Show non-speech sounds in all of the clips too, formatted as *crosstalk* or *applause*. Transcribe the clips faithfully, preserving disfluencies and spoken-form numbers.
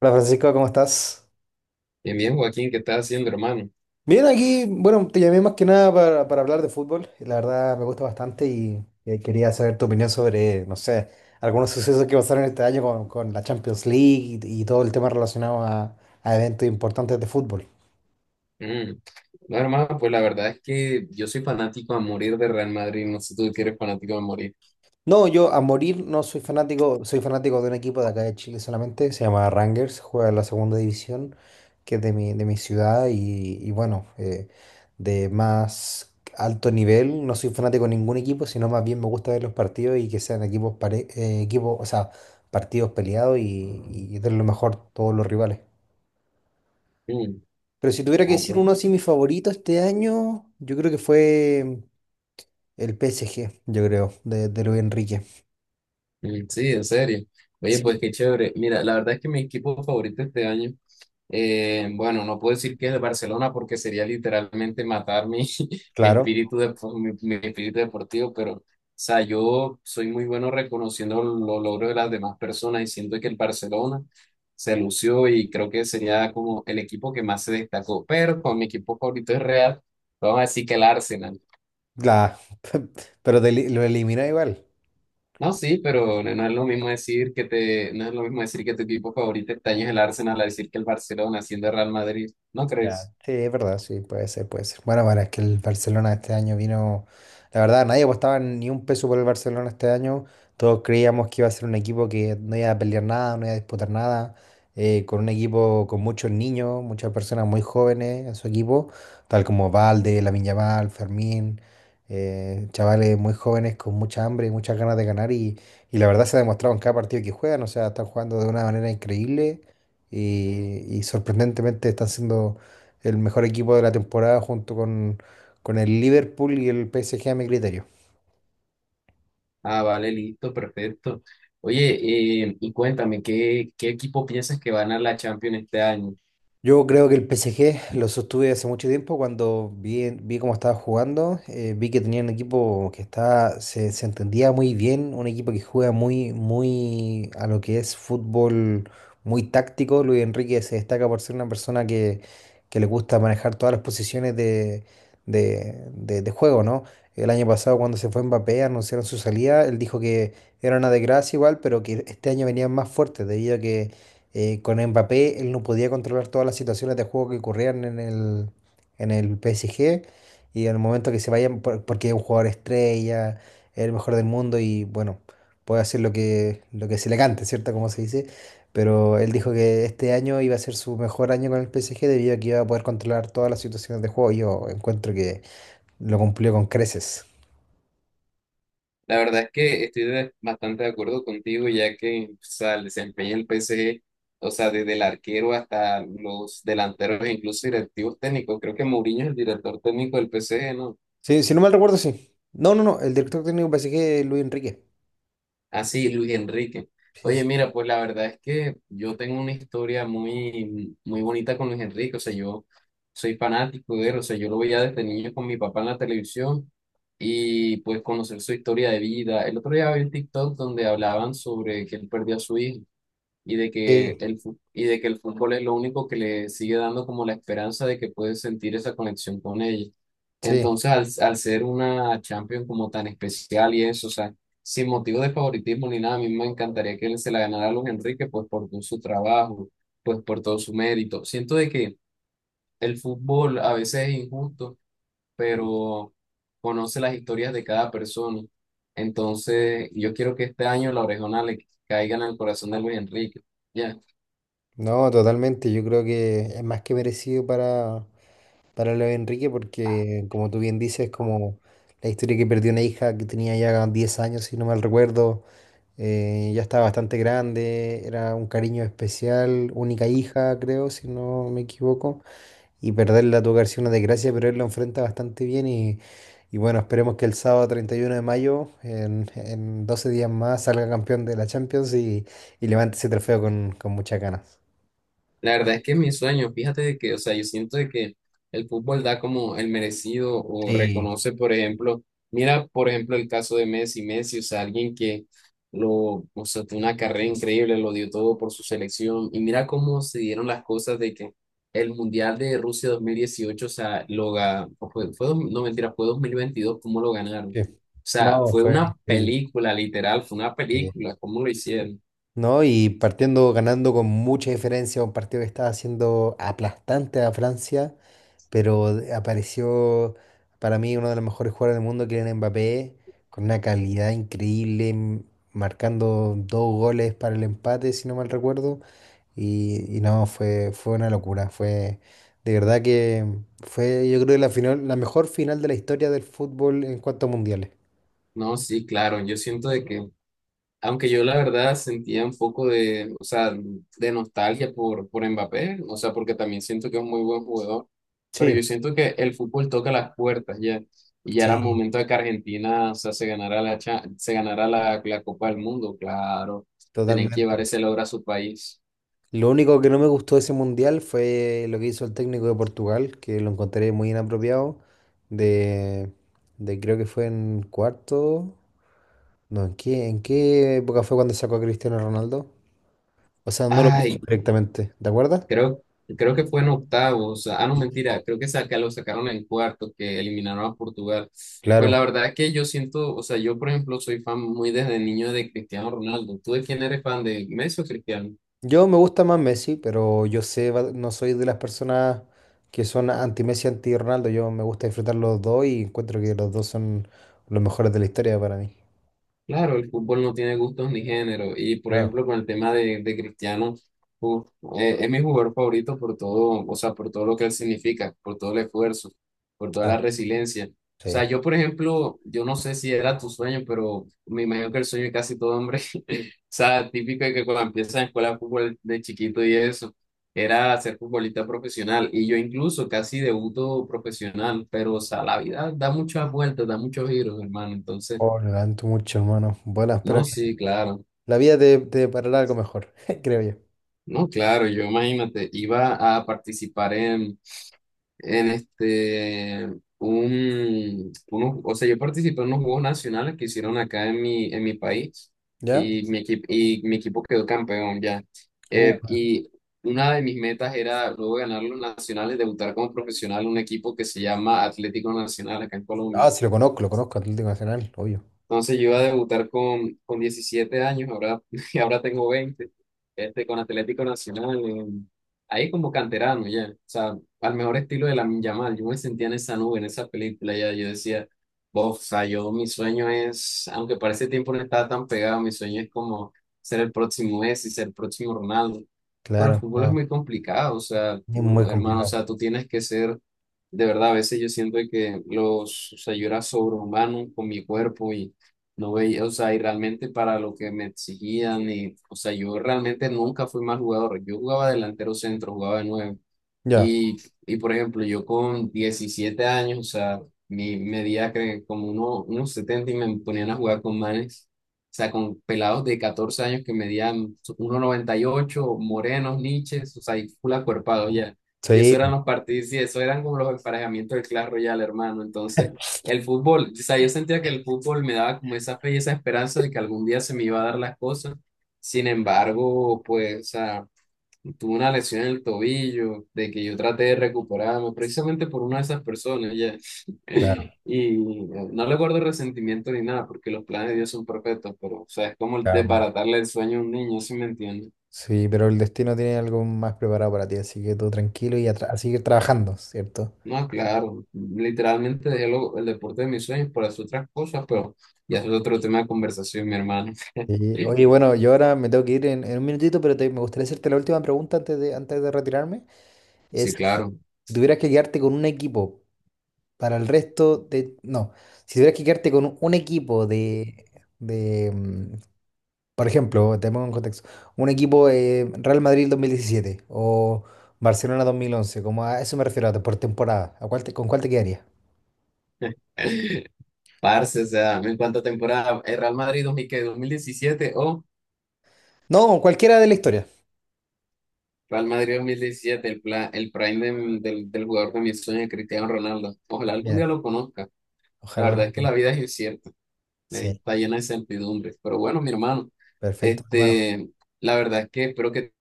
Hola Francisco, ¿cómo estás? Bien, bien, Joaquín, ¿qué estás haciendo, hermano? Bien, aquí, bueno, te llamé más que nada para, para hablar de fútbol. La verdad me gusta bastante y, y quería saber tu opinión sobre, no sé, algunos sucesos que pasaron este año con, con la Champions League y, y todo el tema relacionado a, a eventos importantes de fútbol. Mm. No, hermano, pues la verdad es que yo soy fanático a morir de Real Madrid, no sé tú que eres fanático a morir. No, yo a morir no soy fanático, soy fanático de un equipo de acá de Chile solamente, se llama Rangers, juega en la segunda división, que es de mi, de mi ciudad y, y bueno, eh, de más alto nivel, no soy fanático de ningún equipo, sino más bien me gusta ver los partidos y que sean equipos, pare- eh, equipos, o sea, partidos peleados y, y de lo mejor todos los rivales. Mm. Pero si tuviera que Ah, decir pues. uno así, mi favorito este año, yo creo que fue el P S G, yo creo, de, de Luis Enrique. Mm, sí, en serio. Oye, Sí. pues qué chévere. Mira, la verdad es que mi equipo favorito este año, eh, bueno, no puedo decir que es el Barcelona porque sería literalmente matar mi, *laughs* mi Claro. espíritu de, mi, mi espíritu deportivo, pero, o sea, yo soy muy bueno reconociendo los logros de las demás personas y siento que el Barcelona se lució y creo que sería como el equipo que más se destacó. Pero con mi equipo favorito es Real, vamos a decir que el Arsenal. La, *laughs* pero te li- lo elimina igual. No, sí, pero no, no es lo mismo decir que te, no es lo mismo decir que tu equipo favorito este año es el Arsenal a decir que el Barcelona siendo el Real Madrid, ¿no crees? Ya, sí, es verdad, sí, puede ser, puede ser. Bueno, bueno, es que el Barcelona este año vino, la verdad, nadie apostaba ni un peso por el Barcelona este año. Todos creíamos que iba a ser un equipo que no iba a pelear nada, no iba a disputar nada, eh, con un equipo con muchos niños, muchas personas muy jóvenes en su equipo, tal como Valde, Lamine Yamal, Fermín, eh, chavales muy jóvenes con mucha hambre y muchas ganas de ganar y, y la verdad se ha demostrado en cada partido que juegan, o sea, están jugando de una manera increíble y, y sorprendentemente están siendo el mejor equipo de la temporada junto con, con el Liverpool y el P S G a mi criterio. Ah, vale, listo, perfecto. Oye, eh, y cuéntame, ¿qué, qué equipo piensas que va a ganar la Champions este año? Yo creo que el P S G lo sostuve hace mucho tiempo cuando vi, vi cómo estaba jugando, eh, vi que tenía un equipo que estaba, se, se entendía muy bien, un equipo que juega muy, muy a lo que es fútbol muy táctico. Luis Enrique se destaca por ser una persona que, que le gusta manejar todas las posiciones de, de, de- de juego, ¿no? El año pasado cuando se fue Mbappé, anunciaron su salida, él dijo que era una desgracia igual, pero que este año venían más fuertes debido a que eh, con Mbappé él no podía controlar todas las situaciones de juego que ocurrían en el, en el P S G y en el momento que se vayan, por- porque es un jugador estrella, es el mejor del mundo y bueno, puede hacer lo que, lo que se le cante, ¿cierto? Como se dice, pero él dijo que este año iba a ser su mejor año con el P S G debido a que iba a poder controlar todas las situaciones de juego y yo encuentro que lo cumplió con creces. La verdad es que estoy de- bastante de acuerdo contigo, ya que o sea, el desempeño del P S G, o sea, desde el arquero hasta los delanteros e incluso directivos técnicos, creo que Mourinho es el director técnico del P S G, ¿no? Sí, si no mal recuerdo, sí. No, no, no, el director técnico del P S G es Luis Enrique. Así, Luis Enrique. Sí, Oye, sí. mira, pues la verdad es que yo tengo una historia muy, muy bonita con Luis Enrique. O sea, yo soy fanático de él. O sea, yo lo veía desde niño con mi papá en la televisión y pues conocer su historia de vida. El otro día vi un TikTok donde hablaban sobre que él perdió a su hijo y de que Sí, el, fu- y de que el fútbol es lo único que le sigue dando como la esperanza de que puede sentir esa conexión con ella. sí. Entonces, al, al ser una Champions como tan especial y eso, o sea, sin motivo de favoritismo ni nada, a mí me encantaría que él se la ganara a Luis Enrique, pues por todo su trabajo, pues por todo su mérito. Siento de que el fútbol a veces es injusto, pero conoce las historias de cada persona. Entonces, yo quiero que este año la orejona le caiga en el corazón de Luis Enrique. Ya. No, totalmente. Yo creo que es más que merecido para, para Leo Enrique porque, como tú bien dices, como la historia que perdió una hija que tenía ya diez años, si no mal recuerdo. Eh, ya estaba bastante grande, era un cariño especial, única hija, creo, si no me equivoco, y perderla tuvo que haber sido una desgracia, pero él lo enfrenta bastante bien y, y bueno, esperemos que el sábado treinta y uno de mayo, en, en doce días más, salga campeón de la Champions y, y levante ese trofeo con, con muchas ganas. La verdad es que es mi sueño, fíjate de que, o sea, yo siento de que el fútbol da como el merecido o Sí. reconoce, por ejemplo, mira, por ejemplo, el caso de Messi, Messi, o sea, alguien que lo, o sea, tuvo una carrera increíble, lo dio todo por su selección, y mira cómo se dieron las cosas de que el Mundial de Rusia dos mil dieciocho o sea, lo ga- o fue, fue, dos- no mentira, fue dos mil veintidós cómo lo ganaron. Sí. O sea, No, fue fue una increíble. película, literal, fue una Sí. película, cómo lo hicieron. No, y partiendo ganando con mucha diferencia, un partido que estaba siendo aplastante a Francia, pero de- apareció para mí uno de los mejores jugadores del mundo, que era Mbappé, con una calidad increíble, m- marcando dos goles para el empate, si no mal recuerdo. Y, y no, fue, fue una locura. Fue de verdad que fue, yo creo, la final, la mejor final de la historia del fútbol en cuanto a mundiales. No, sí, claro, yo siento de que aunque yo la verdad sentía un poco de, o sea, de nostalgia por, por Mbappé, o sea, porque también siento que es un muy buen jugador, pero Sí, yo siento que el fútbol toca las puertas ya, y ya era sí, momento de que Argentina, o sea, se ganara la, cha- se ganara la, la Copa del Mundo, claro, tenían que totalmente. llevar ese logro a su país. Lo único que no me gustó de ese mundial fue lo que hizo el técnico de Portugal, que lo encontré muy inapropiado, de, de creo que fue en cuarto. No, ¿en qué, en qué época fue cuando sacó a Cristiano Ronaldo? O sea, no lo puso Ay, directamente, ¿te acuerdas? creo, creo que fue en octavos. Ah, no, mentira. Creo que saca, lo sacaron en cuartos, que eliminaron a Portugal. Pues Claro. la verdad que yo siento, o sea, yo por ejemplo soy fan muy desde niño de Cristiano Ronaldo. ¿Tú de quién eres fan de Messi o Cristiano? Yo me gusta más Messi, pero yo sé, va- no soy de las personas que son anti-Messi, anti-Ronaldo, yo me gusta disfrutar los dos y encuentro que los dos son los mejores de la historia para mí. Claro, el fútbol no tiene gustos ni género. Y por Claro, ejemplo con el tema de, de Cristiano, uf, eh, es mi jugador favorito por todo, o sea, por todo lo que él significa, por todo el esfuerzo, por toda la claro. resiliencia. O sea, Sí. yo por ejemplo, yo no sé si era tu sueño, pero me imagino que el sueño de casi todo hombre sea, típico de que cuando empiezas en escuela de fútbol de chiquito y eso, era ser futbolista profesional. Y yo incluso casi debuto profesional, pero o sea, la vida da muchas vueltas, da muchos giros, hermano. Entonces, Oh, lo lamento mucho, hermano. Bueno, espero. no, sí, claro. La vida te, te parará algo mejor, *laughs* creo yo. No, claro, yo imagínate, iba a participar en en este, un, unos- o sea, yo participé en unos Juegos Nacionales que hicieron acá en mi, en mi país ¿Ya? y mi, equi- y mi equipo quedó campeón ya. Eh, Uh, y una de mis metas era luego ganar los nacionales, debutar como profesional en un equipo que se llama Atlético Nacional acá en Colombia. ah, sí, lo conozco, lo conozco, Atlético Nacional, obvio. Entonces yo iba a debutar con, con diecisiete años, ahora, *laughs* y ahora tengo veinte este, con Atlético Nacional, en- ahí como canterano ya, o sea, al mejor estilo de la Yamal, yo me sentía en esa nube, en esa película ya, yo decía, "Bof, o sea, yo mi sueño es, aunque para ese tiempo no estaba tan pegado, mi sueño es como ser el próximo Messi, ser el próximo Ronaldo, pero el Claro, fútbol es no, muy complicado, o sea, es tú, muy hermano, o complicado. sea, tú tienes que ser... De verdad, a veces yo siento que los, o sea, yo era sobrehumano con mi cuerpo no veía, o sea, y realmente para lo que me exigían, y, o sea, yo realmente nunca fui mal jugador. Yo jugaba delantero centro, jugaba de nueve. Ya, Y, y por ejemplo, yo con diecisiete años, o sea, mi medida que como uno, unos setenta y me ponían a jugar con manes, o sea, con pelados de catorce años que medían uno noventa y ocho morenos, niches, o sea, y full acuerpados ya. Y eso eran sí, los partidos, y eso eran como los emparejamientos del Clash Royale, hermano. Entonces, el fútbol, o sea, yo sentía que el fútbol me daba como esa fe y esa esperanza de que algún día se me iba a dar las cosas. Sin embargo, pues, o sea, tuve una lesión en el tobillo, de que yo traté de recuperarme, precisamente por una de esas personas ya. claro, *laughs* Y no le guardo resentimiento ni nada, porque los planes de Dios son perfectos, pero, o sea, es como claro, hermano. desbaratarle el sueño a un niño, ¿si me entiendes? Sí, pero el destino tiene algo más preparado para ti, así que tú tranquilo y a, tra- a seguir trabajando, ¿cierto? No, claro, literalmente dejé lo- el deporte de mis sueños por hacer otras cosas, pero ya eso es otro tema de conversación, mi hermano. *laughs* Y, oye, bueno, yo ahora me tengo que ir en, en un minutito, pero te- me gustaría hacerte la última pregunta antes de, antes de retirarme. Es, Sí, claro. si tuvieras que quedarte con un equipo para el resto de... No, si tuvieras que quedarte con un equipo de de, mm, por ejemplo, te pongo en contexto, un equipo eh, Real Madrid dos mil diecisiete o Barcelona dos mil once, como a eso me refiero, a- por temporada, ¿a cuál te- con cuál te quedaría? *laughs* Parce, o sea, en cuánta temporada, el Real Madrid dos mil, ¿qué? dos mil diecisiete o No, con cualquiera de la historia. Real Madrid dos mil diecisiete, el, pla- el prime de- del, del jugador de mis sueños, Cristiano Ronaldo. Ojalá algún día Bien, lo conozca. La ojalá verdad algún es que la día. vida es incierta, eh, Sí, está llena de incertidumbres. Pero bueno, mi hermano, perfecto, hermano. este, la verdad es que espero que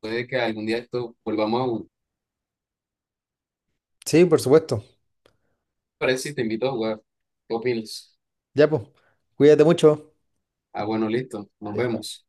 puede que algún día esto volvamos a jugar. Sí, por supuesto. Parece si te invito a jugar. ¿Qué opinas? Ya, pues, cuídate mucho. Ah, bueno, listo, nos Chao, chao. vemos.